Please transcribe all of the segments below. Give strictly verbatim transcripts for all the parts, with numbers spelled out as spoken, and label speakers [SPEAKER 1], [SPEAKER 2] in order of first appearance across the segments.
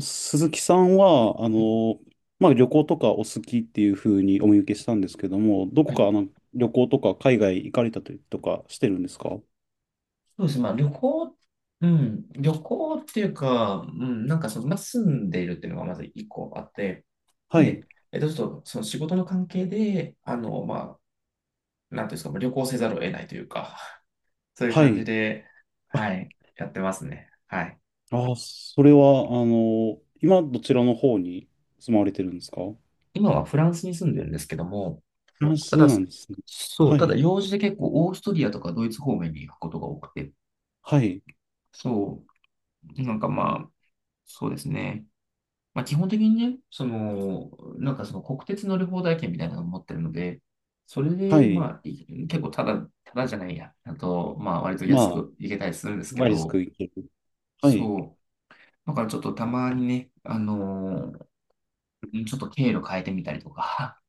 [SPEAKER 1] 鈴木さんは、あ
[SPEAKER 2] はい
[SPEAKER 1] の、まあ、旅行とかお好きっていうふうにお見受けしたんですけども、どこ
[SPEAKER 2] はい、
[SPEAKER 1] かあの旅行とか海外行かれたりとかしてるんですか？
[SPEAKER 2] そうですね。まあ、旅行、うん、旅行っていうか、うん、なんかその、まあ、住んでいるっていうのがまず一個あって、
[SPEAKER 1] はい。
[SPEAKER 2] で、えっと、ちょっとその仕事の関係で、あの、まあ、なんていうんですか、まあ旅行せざるを得ないというか、そういう
[SPEAKER 1] は
[SPEAKER 2] 感じ
[SPEAKER 1] い。
[SPEAKER 2] で、
[SPEAKER 1] あ、
[SPEAKER 2] はい、やってますね。はい。
[SPEAKER 1] あ、それは、あの、今どちらの方に住まわれてるんですか？
[SPEAKER 2] 今はフランスに住んでるんですけども、
[SPEAKER 1] フラン
[SPEAKER 2] た
[SPEAKER 1] ス
[SPEAKER 2] だ、
[SPEAKER 1] な
[SPEAKER 2] そ
[SPEAKER 1] んですね。
[SPEAKER 2] そう、
[SPEAKER 1] は
[SPEAKER 2] ただ
[SPEAKER 1] い。
[SPEAKER 2] 用事で結構オーストリアとかドイツ方面に行くことが多くて、
[SPEAKER 1] はい。
[SPEAKER 2] そう、なんかまあ、そうですね。まあ、基本的にね、その、なんかその国鉄乗り放題券みたいなのを持ってるので、それ
[SPEAKER 1] は
[SPEAKER 2] で、
[SPEAKER 1] い。
[SPEAKER 2] まあ、い結構ただ、ただじゃないや。あと、まあ、割と
[SPEAKER 1] ま
[SPEAKER 2] 安
[SPEAKER 1] あ、
[SPEAKER 2] く行けたりするんですけ
[SPEAKER 1] ワイリスク
[SPEAKER 2] ど、
[SPEAKER 1] 行ける。はい。
[SPEAKER 2] そう。だからちょっとたまにね、あのーちょっと経路変えてみたりとか、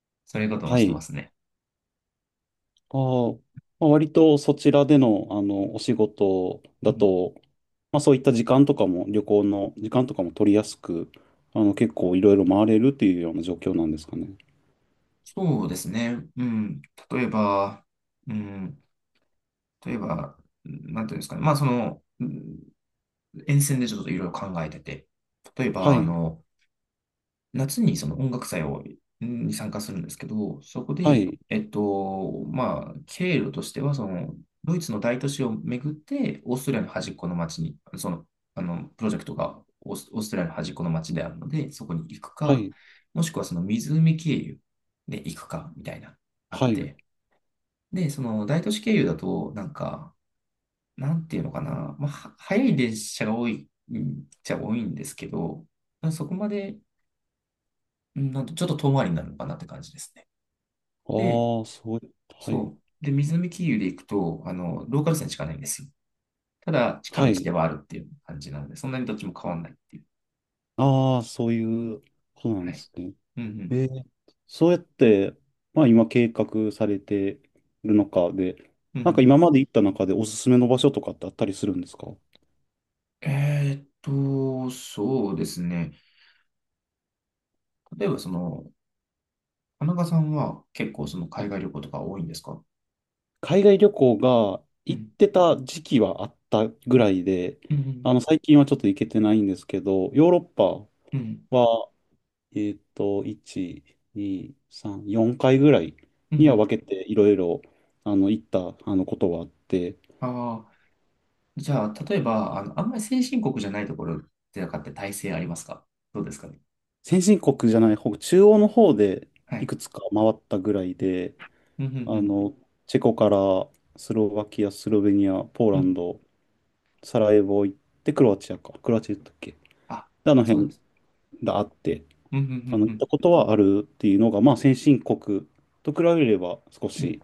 [SPEAKER 2] そういうことも
[SPEAKER 1] は
[SPEAKER 2] してま
[SPEAKER 1] い。
[SPEAKER 2] すね。
[SPEAKER 1] ああ、まあ、割とそちらでの、あの、お仕事
[SPEAKER 2] う
[SPEAKER 1] だ
[SPEAKER 2] ん、
[SPEAKER 1] と、まあそういった時間とかも、旅行の時間とかも取りやすく、あの、結構いろいろ回れるっていうような状況なんですかね。
[SPEAKER 2] そうですね。うん。例えば、うん。例えば、なんていうんですかね。まあ、その、うん、沿線でちょっといろいろ考えてて、例え
[SPEAKER 1] は
[SPEAKER 2] ば、あ
[SPEAKER 1] い、
[SPEAKER 2] の、夏にその音楽祭をんに参加するんですけど、そこ
[SPEAKER 1] は
[SPEAKER 2] で、
[SPEAKER 1] い、
[SPEAKER 2] えっと、まあ、経路としては、その、ドイツの大都市を巡って、オーストリアの端っこの町に、その、あの、プロジェクトがオース、オーストリアの端っこの町であるので、そこに行く
[SPEAKER 1] は
[SPEAKER 2] か、
[SPEAKER 1] い、
[SPEAKER 2] もしくはその湖経由で行くか、みたいな、あっ
[SPEAKER 1] はい。
[SPEAKER 2] て。
[SPEAKER 1] あ
[SPEAKER 2] で、その大都市経由だと、なんか、なんていうのかな、まあ、は早い列車が多い、うん、じゃ多いんですけど、そこまで、うん、なんとちょっと遠回りになるのかなって感じですね。
[SPEAKER 1] あ、
[SPEAKER 2] で、
[SPEAKER 1] そう、はい、
[SPEAKER 2] そう。で、水見経由で行くと、あの、ローカル線しかないんですよ。ただ、近
[SPEAKER 1] は
[SPEAKER 2] 道
[SPEAKER 1] い。
[SPEAKER 2] ではあるっていう感じなので、そんなにどっちも変わんないっていう。
[SPEAKER 1] ああ、そういうことな
[SPEAKER 2] は
[SPEAKER 1] んで
[SPEAKER 2] い。
[SPEAKER 1] すね。
[SPEAKER 2] う
[SPEAKER 1] え
[SPEAKER 2] ん
[SPEAKER 1] ーそうやって、まあ今計画されてるのかで、
[SPEAKER 2] うん。う
[SPEAKER 1] なんか
[SPEAKER 2] ん。
[SPEAKER 1] 今まで行った中でおすすめの場所とかってあったりするんですか？
[SPEAKER 2] えーっと、そうですね。例えば、その、田中さんは結構その海外旅行とか多いんですか？
[SPEAKER 1] 海外旅行が
[SPEAKER 2] う
[SPEAKER 1] 行っ
[SPEAKER 2] ん。
[SPEAKER 1] てた時期はあったぐらいで、
[SPEAKER 2] う
[SPEAKER 1] あ
[SPEAKER 2] ん
[SPEAKER 1] の、最近はちょっと行けてないんですけど、ヨーロッパ
[SPEAKER 2] うん。うん。
[SPEAKER 1] は、えっと、いち、に、さん、よんかいぐらい
[SPEAKER 2] うんう
[SPEAKER 1] には
[SPEAKER 2] ん、
[SPEAKER 1] 分けていろいろ、あの、行った、あの、ことはあって、
[SPEAKER 2] ああー、じゃあ、例えば、あの、あんまり先進国じゃないところとかって体制ありますか？どうですかね。
[SPEAKER 1] 先進国じゃない方、中央の方で
[SPEAKER 2] は
[SPEAKER 1] い
[SPEAKER 2] い。
[SPEAKER 1] くつか回ったぐらいで、
[SPEAKER 2] うんうんう
[SPEAKER 1] あ
[SPEAKER 2] ん。
[SPEAKER 1] の、チェコからスロバキア、スロベニア、ポー
[SPEAKER 2] う
[SPEAKER 1] ラン
[SPEAKER 2] ん、
[SPEAKER 1] ド、サラエボ行って、クロアチアか、クロアチア行ったっけ
[SPEAKER 2] あ、
[SPEAKER 1] で、あの
[SPEAKER 2] そうなんで
[SPEAKER 1] 辺
[SPEAKER 2] す。
[SPEAKER 1] があって、
[SPEAKER 2] うん、うん、
[SPEAKER 1] あの、
[SPEAKER 2] う
[SPEAKER 1] 行っ
[SPEAKER 2] ん、
[SPEAKER 1] たことはあるっていうのが、まあ、先進国と比べれば少
[SPEAKER 2] うん。うん、
[SPEAKER 1] し、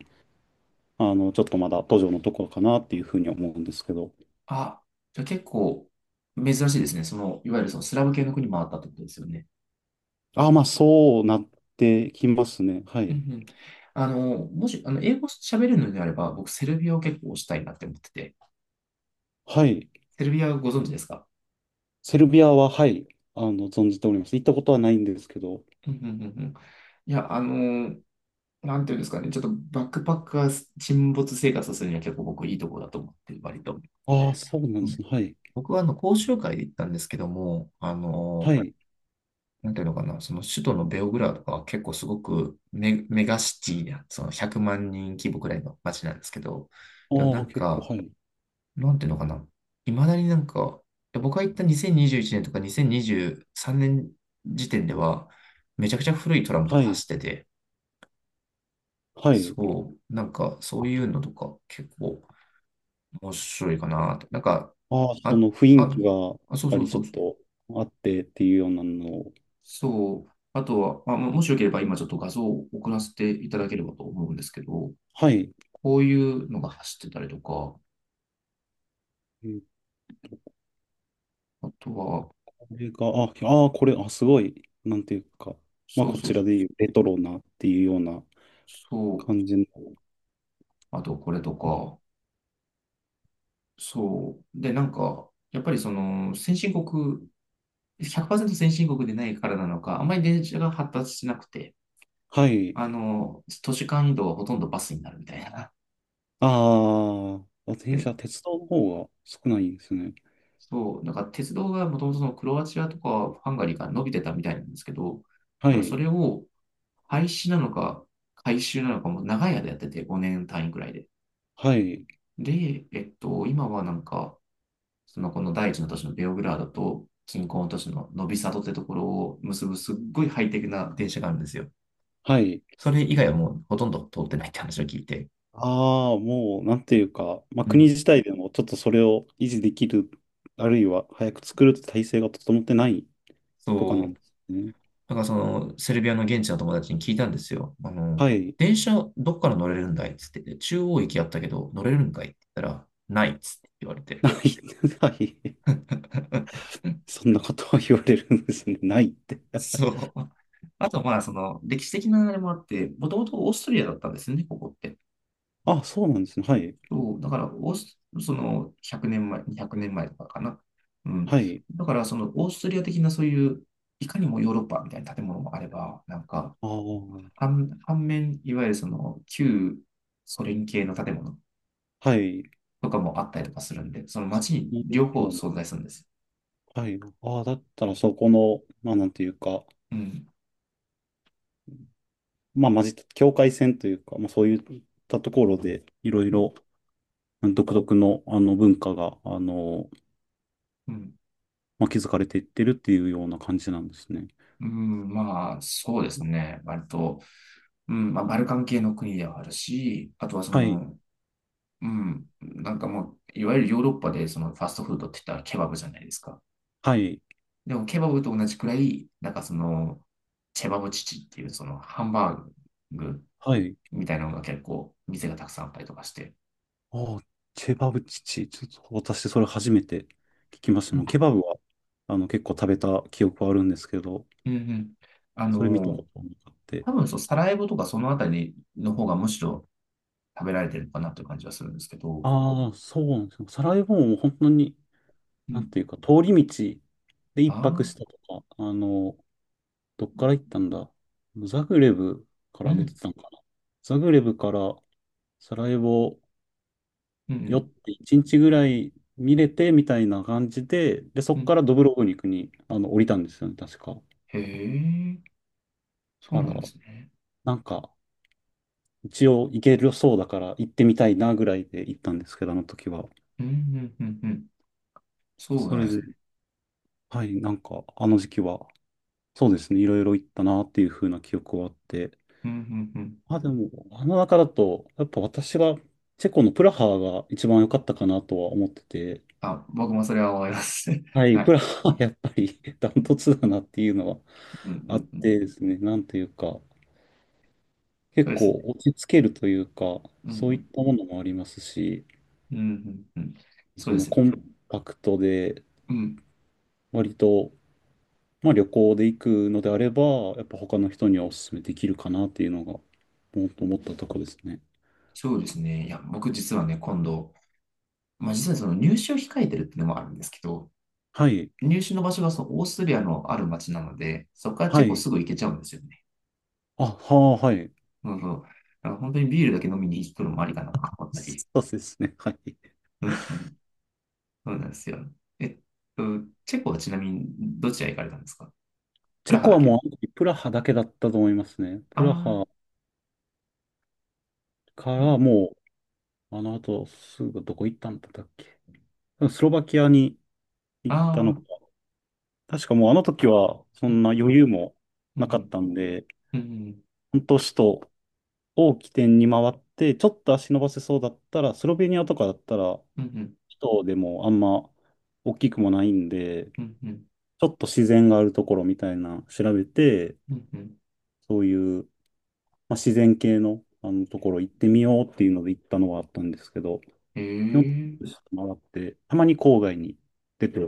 [SPEAKER 1] あの、ちょっとまだ途上のところかなっていうふうに思うんですけど。
[SPEAKER 2] あ、じゃあ結構珍しいですね。その、いわゆるそのスラブ系の国もあったってことですよね。
[SPEAKER 1] ああ、まあ、そうなってきますね。は
[SPEAKER 2] うん、
[SPEAKER 1] い。
[SPEAKER 2] うん。あの、もし、あの、英語喋れるのであれば、僕、セルビアを結構推したいなって思ってて。
[SPEAKER 1] はい。
[SPEAKER 2] セルビアご存知ですか？
[SPEAKER 1] セルビアは、はい。あの、存じております。行ったことはないんですけど。
[SPEAKER 2] うん、うん、うん、うん。いや、あの、なんていうんですかね。ちょっとバックパックが沈没生活をするには結構僕いいところだと思ってる、割と。
[SPEAKER 1] ああ、そうなん
[SPEAKER 2] う
[SPEAKER 1] で
[SPEAKER 2] ん、
[SPEAKER 1] すね。はい。
[SPEAKER 2] 僕はあの講習会で行ったんですけども、あ
[SPEAKER 1] は
[SPEAKER 2] の
[SPEAKER 1] い。
[SPEAKER 2] なんていうのかな、その首都のベオグラードとかは結構すごくメ、メガシティな、そのひゃくまん人規模くらいの街なんですけど、でもな
[SPEAKER 1] ああ、
[SPEAKER 2] ん
[SPEAKER 1] 結構、
[SPEAKER 2] か、
[SPEAKER 1] はい。
[SPEAKER 2] なんていうのかな、いまだになんか、で僕が行ったにせんにじゅういちねんとかにせんにじゅうさんねん時点では、めちゃくちゃ古いトラムとか
[SPEAKER 1] は
[SPEAKER 2] 走
[SPEAKER 1] い。
[SPEAKER 2] ってて、
[SPEAKER 1] はい。
[SPEAKER 2] そう、なんかそういうのとか結構面白いかなと。なんか、
[SPEAKER 1] ああ、そ
[SPEAKER 2] あ、
[SPEAKER 1] の雰囲
[SPEAKER 2] あ、
[SPEAKER 1] 気が、やっ
[SPEAKER 2] あ、そう
[SPEAKER 1] ぱ
[SPEAKER 2] そう
[SPEAKER 1] りち
[SPEAKER 2] そ
[SPEAKER 1] ょ
[SPEAKER 2] う
[SPEAKER 1] っとあってっていうようなのを。
[SPEAKER 2] そう。あとは、まあ、ももしよければ今ちょっと画像を送らせていただければと思うんですけど、
[SPEAKER 1] はい。
[SPEAKER 2] こういうのが走ってたりとか、あとは、
[SPEAKER 1] これが、あ、あー、これ、あ、すごい、なんていうか、まあ、
[SPEAKER 2] そう
[SPEAKER 1] こ
[SPEAKER 2] そ
[SPEAKER 1] ち
[SPEAKER 2] うそ
[SPEAKER 1] ら
[SPEAKER 2] う、
[SPEAKER 1] でいうレトロなっていうような
[SPEAKER 2] そう、
[SPEAKER 1] 感じの。
[SPEAKER 2] あとこれとか、そう。で、なんか、やっぱりその先進国、ひゃくパーセント先進国でないからなのか、あんまり電車が発達しなくて、
[SPEAKER 1] はい。
[SPEAKER 2] あの、都市間移動はほとんどバスになるみたいな。
[SPEAKER 1] ああ、電車、鉄道の方が少ないんですね。
[SPEAKER 2] そう、なんか鉄道がもともとそのクロアチアとかハンガリーから伸びてたみたいなんですけど、
[SPEAKER 1] は
[SPEAKER 2] ただそ
[SPEAKER 1] い。
[SPEAKER 2] れを廃止なのか改修なのかも長い間やっててごねん単位くらいで。
[SPEAKER 1] はい。
[SPEAKER 2] で、えっと、今はなんか、そのこの第一の都市のベオグラードと近郊の都市のノビサドってところを結ぶすっごいハイテクな電車があるんですよ。
[SPEAKER 1] はい。
[SPEAKER 2] それ以外はもうほとんど通ってないって話を聞いて。
[SPEAKER 1] ああ、もう、なんていうか、まあ、
[SPEAKER 2] う
[SPEAKER 1] 国
[SPEAKER 2] ん。
[SPEAKER 1] 自体でもちょっとそれを維持できる、あるいは早く作るって体制が整ってないとかな
[SPEAKER 2] そ
[SPEAKER 1] んで
[SPEAKER 2] う。
[SPEAKER 1] すね。
[SPEAKER 2] だからその、セルビアの現地の友達に聞いたんですよ。あの、
[SPEAKER 1] はい。
[SPEAKER 2] 電車どっから乗れるんだいっつって、中央駅やったけど乗れるんかいって言ったら、ないっつって言われて。
[SPEAKER 1] ない。はい。そんなことを言われるんですね。ないって。
[SPEAKER 2] そう。あとまあ、その、歴史的なあれもあって、もともとオーストリアだったんですよね、ここって。
[SPEAKER 1] あ、そうなんですね。はい。
[SPEAKER 2] そう。だから、オース、その、ひゃくねんまえ、にひゃくねんまえとかかな。うん。
[SPEAKER 1] はい。
[SPEAKER 2] だから、その、オーストリア的なそういう、いかにもヨーロッパみたいな建物もあれば、なんか、
[SPEAKER 1] ああ、
[SPEAKER 2] 反、反面、いわゆるその、旧ソ連系の建物。
[SPEAKER 1] はい。
[SPEAKER 2] とかもあったりとかするんで、その街に
[SPEAKER 1] 今
[SPEAKER 2] 両
[SPEAKER 1] 日
[SPEAKER 2] 方
[SPEAKER 1] も。
[SPEAKER 2] 存在するんです。
[SPEAKER 1] はい。ああ、だったらそこの、まあなんていうか、
[SPEAKER 2] うん。
[SPEAKER 1] まあ混じった境界線というか、まあそういったところで、いろい
[SPEAKER 2] うん。
[SPEAKER 1] ろ独特のあの文化が、あの、
[SPEAKER 2] うん、
[SPEAKER 1] まあ、築かれていってるっていうような感じなんですね。
[SPEAKER 2] まあ、そうですね。割と、うん、まあ、バルカン系の国ではあるし、あとはそ
[SPEAKER 1] はい。
[SPEAKER 2] の、うん、なんかもう、いわゆるヨーロッパでそのファストフードって言ったらケバブじゃないですか。
[SPEAKER 1] はい。
[SPEAKER 2] でも、ケバブと同じくらい、なんかその、チェバブチチっていうそのハンバーグ
[SPEAKER 1] はい。
[SPEAKER 2] みたいなのが結構、店がたくさんあったりとかして。
[SPEAKER 1] ああ、ケバブチチ。ちょっと私それ初めて聞きまし
[SPEAKER 2] う
[SPEAKER 1] た
[SPEAKER 2] ん
[SPEAKER 1] の。ケバブは、あの結構食べた記憶はあるんですけど、
[SPEAKER 2] うんうん。あ
[SPEAKER 1] それ見た
[SPEAKER 2] の
[SPEAKER 1] ことなくて。
[SPEAKER 2] 多分そう、サラエボとかそのあたりの方がむしろ食べられてるのかなという感じはするんですけど。
[SPEAKER 1] ああ、そうなんですよ。サラエボも本当に、
[SPEAKER 2] う
[SPEAKER 1] なん
[SPEAKER 2] ん。
[SPEAKER 1] ていうか、通り道で
[SPEAKER 2] あ
[SPEAKER 1] 一泊した
[SPEAKER 2] あ、
[SPEAKER 1] とか、あの、どっから行ったんだ、ザグレブか
[SPEAKER 2] う
[SPEAKER 1] ら出て
[SPEAKER 2] ん、
[SPEAKER 1] たのかな。ザグレブからサラエボ
[SPEAKER 2] う
[SPEAKER 1] 寄っ
[SPEAKER 2] ん、
[SPEAKER 1] て一日ぐらい見れてみたいな感じで、で、そ
[SPEAKER 2] う
[SPEAKER 1] こか
[SPEAKER 2] ん。
[SPEAKER 1] らドブロブニクにあの降りたんですよね、確か。だ
[SPEAKER 2] へえ、そ
[SPEAKER 1] か
[SPEAKER 2] う
[SPEAKER 1] ら、
[SPEAKER 2] なんですね。
[SPEAKER 1] なんか、一応行けるそうだから行ってみたいなぐらいで行ったんですけど、あの時は。
[SPEAKER 2] うん、うん、うん、うん。そう
[SPEAKER 1] そ
[SPEAKER 2] なん
[SPEAKER 1] れ
[SPEAKER 2] です
[SPEAKER 1] で、
[SPEAKER 2] ね。
[SPEAKER 1] はい、なんか、あの時期は、そうですね、いろいろ行ったなっていう風な記憶はあって、
[SPEAKER 2] うん、うん、うん。
[SPEAKER 1] あ、でも、あの中だと、やっぱ私が、チェコのプラハが一番良かったかなとは思ってて、
[SPEAKER 2] あ、僕もそれは思います。
[SPEAKER 1] は い、
[SPEAKER 2] は
[SPEAKER 1] プ
[SPEAKER 2] い。
[SPEAKER 1] ラハはやっぱり ダントツだなっていうのは
[SPEAKER 2] うん、う
[SPEAKER 1] あっ
[SPEAKER 2] ん、うん。
[SPEAKER 1] てですね、なんというか、
[SPEAKER 2] そ
[SPEAKER 1] 結
[SPEAKER 2] うですね。
[SPEAKER 1] 構落ち着けるというか、
[SPEAKER 2] うん、う
[SPEAKER 1] そういっ
[SPEAKER 2] ん、
[SPEAKER 1] たものもありますし、
[SPEAKER 2] うん、うん、うん。そう
[SPEAKER 1] そ
[SPEAKER 2] で
[SPEAKER 1] の
[SPEAKER 2] すよ
[SPEAKER 1] コ
[SPEAKER 2] ね。
[SPEAKER 1] ンパクトで、
[SPEAKER 2] うん。
[SPEAKER 1] 割と、まあ旅行で行くのであれば、やっぱ他の人にはお勧めできるかなっていうのが、もっと思ったとこですね。
[SPEAKER 2] そうですね。いや、僕実はね、今度、まあ実はその入試を控えてるっていうのもあるんですけど、
[SPEAKER 1] はい、
[SPEAKER 2] 入手の場所がそのオーストリアのある町なので、そこからチ
[SPEAKER 1] は
[SPEAKER 2] ェコ
[SPEAKER 1] い、
[SPEAKER 2] すぐ行けちゃうんですよね。
[SPEAKER 1] あ、はあ、はい。
[SPEAKER 2] そうそう。だから本当にビールだけ飲みに行くのもありかなと思ったり。
[SPEAKER 1] そうですね、はい。
[SPEAKER 2] うんうん。そうなんですよ。えっと、チェコはちなみにどちら行かれたんですか？プ
[SPEAKER 1] チ
[SPEAKER 2] ラ
[SPEAKER 1] ェ
[SPEAKER 2] ハ
[SPEAKER 1] コ
[SPEAKER 2] だ
[SPEAKER 1] はもう
[SPEAKER 2] け。
[SPEAKER 1] あの時プラハだけだったと思いますね。プラ
[SPEAKER 2] ああ、
[SPEAKER 1] ハか
[SPEAKER 2] な、
[SPEAKER 1] らもう、あの後すぐどこ行ったんだったっけ。スロバキアに行ったの
[SPEAKER 2] あ
[SPEAKER 1] か。
[SPEAKER 2] あ、
[SPEAKER 1] 確かもうあの時はそ
[SPEAKER 2] う
[SPEAKER 1] ん
[SPEAKER 2] ん、
[SPEAKER 1] な余裕も
[SPEAKER 2] う
[SPEAKER 1] なかっ
[SPEAKER 2] ん、
[SPEAKER 1] たんで、
[SPEAKER 2] うん、うん、
[SPEAKER 1] 本当首都を起点に回って、ちょっと足伸ばせそうだったら、スロベニアとかだったら、
[SPEAKER 2] うん、うん、
[SPEAKER 1] 首都でもあんま大きくもないんで、
[SPEAKER 2] うん、
[SPEAKER 1] ちょっと自然があるところみたいな調べて、
[SPEAKER 2] うん、うん。
[SPEAKER 1] そういうまあ、自然系の、あのところ行ってみようっていうので行ったのはあったんですけど、
[SPEAKER 2] え
[SPEAKER 1] 基本的
[SPEAKER 2] え、
[SPEAKER 1] に回って、たまに郊外に出て、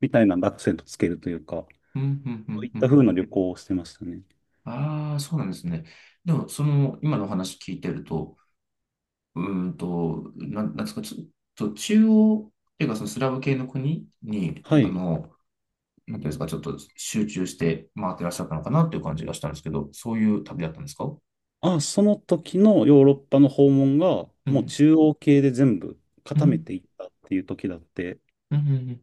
[SPEAKER 1] みたいなアクセントつけるというか、
[SPEAKER 2] うん、うん、う
[SPEAKER 1] そうい
[SPEAKER 2] ん、
[SPEAKER 1] っ
[SPEAKER 2] う
[SPEAKER 1] た
[SPEAKER 2] ん。
[SPEAKER 1] 風な旅行をしてましたね。
[SPEAKER 2] ああ、そうなんですね。でも、その、今のお話聞いてると、うーんと、なん、なんですか、ちょ、っと中央っていうか、そのスラブ系の国に、
[SPEAKER 1] は
[SPEAKER 2] あ
[SPEAKER 1] い。
[SPEAKER 2] の、なんていうんですか、ちょっと集中して回ってらっしゃったのかなっていう感じがしたんですけど、そういう旅だったんですか？う
[SPEAKER 1] あ、その時のヨーロッパの訪問が、
[SPEAKER 2] ん
[SPEAKER 1] もう中央系で全部
[SPEAKER 2] う
[SPEAKER 1] 固め
[SPEAKER 2] ん、
[SPEAKER 1] ていったっていう時だって、
[SPEAKER 2] うん、うん、うん。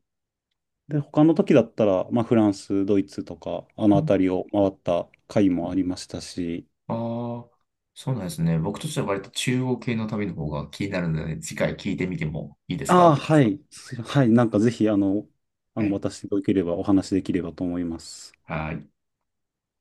[SPEAKER 1] で、他の時だったら、まあ、フランス、ドイツとか、あの辺りを回った回もありましたし、
[SPEAKER 2] ああー、そうなんですね。僕としては割と中央系の旅の方が気になるので、次回聞いてみてもいいです
[SPEAKER 1] ああ、
[SPEAKER 2] か？
[SPEAKER 1] はい。そはい。なんかぜひ、あの、あ
[SPEAKER 2] は
[SPEAKER 1] の、
[SPEAKER 2] い。
[SPEAKER 1] 私でよければお話しできればと思います。
[SPEAKER 2] はい。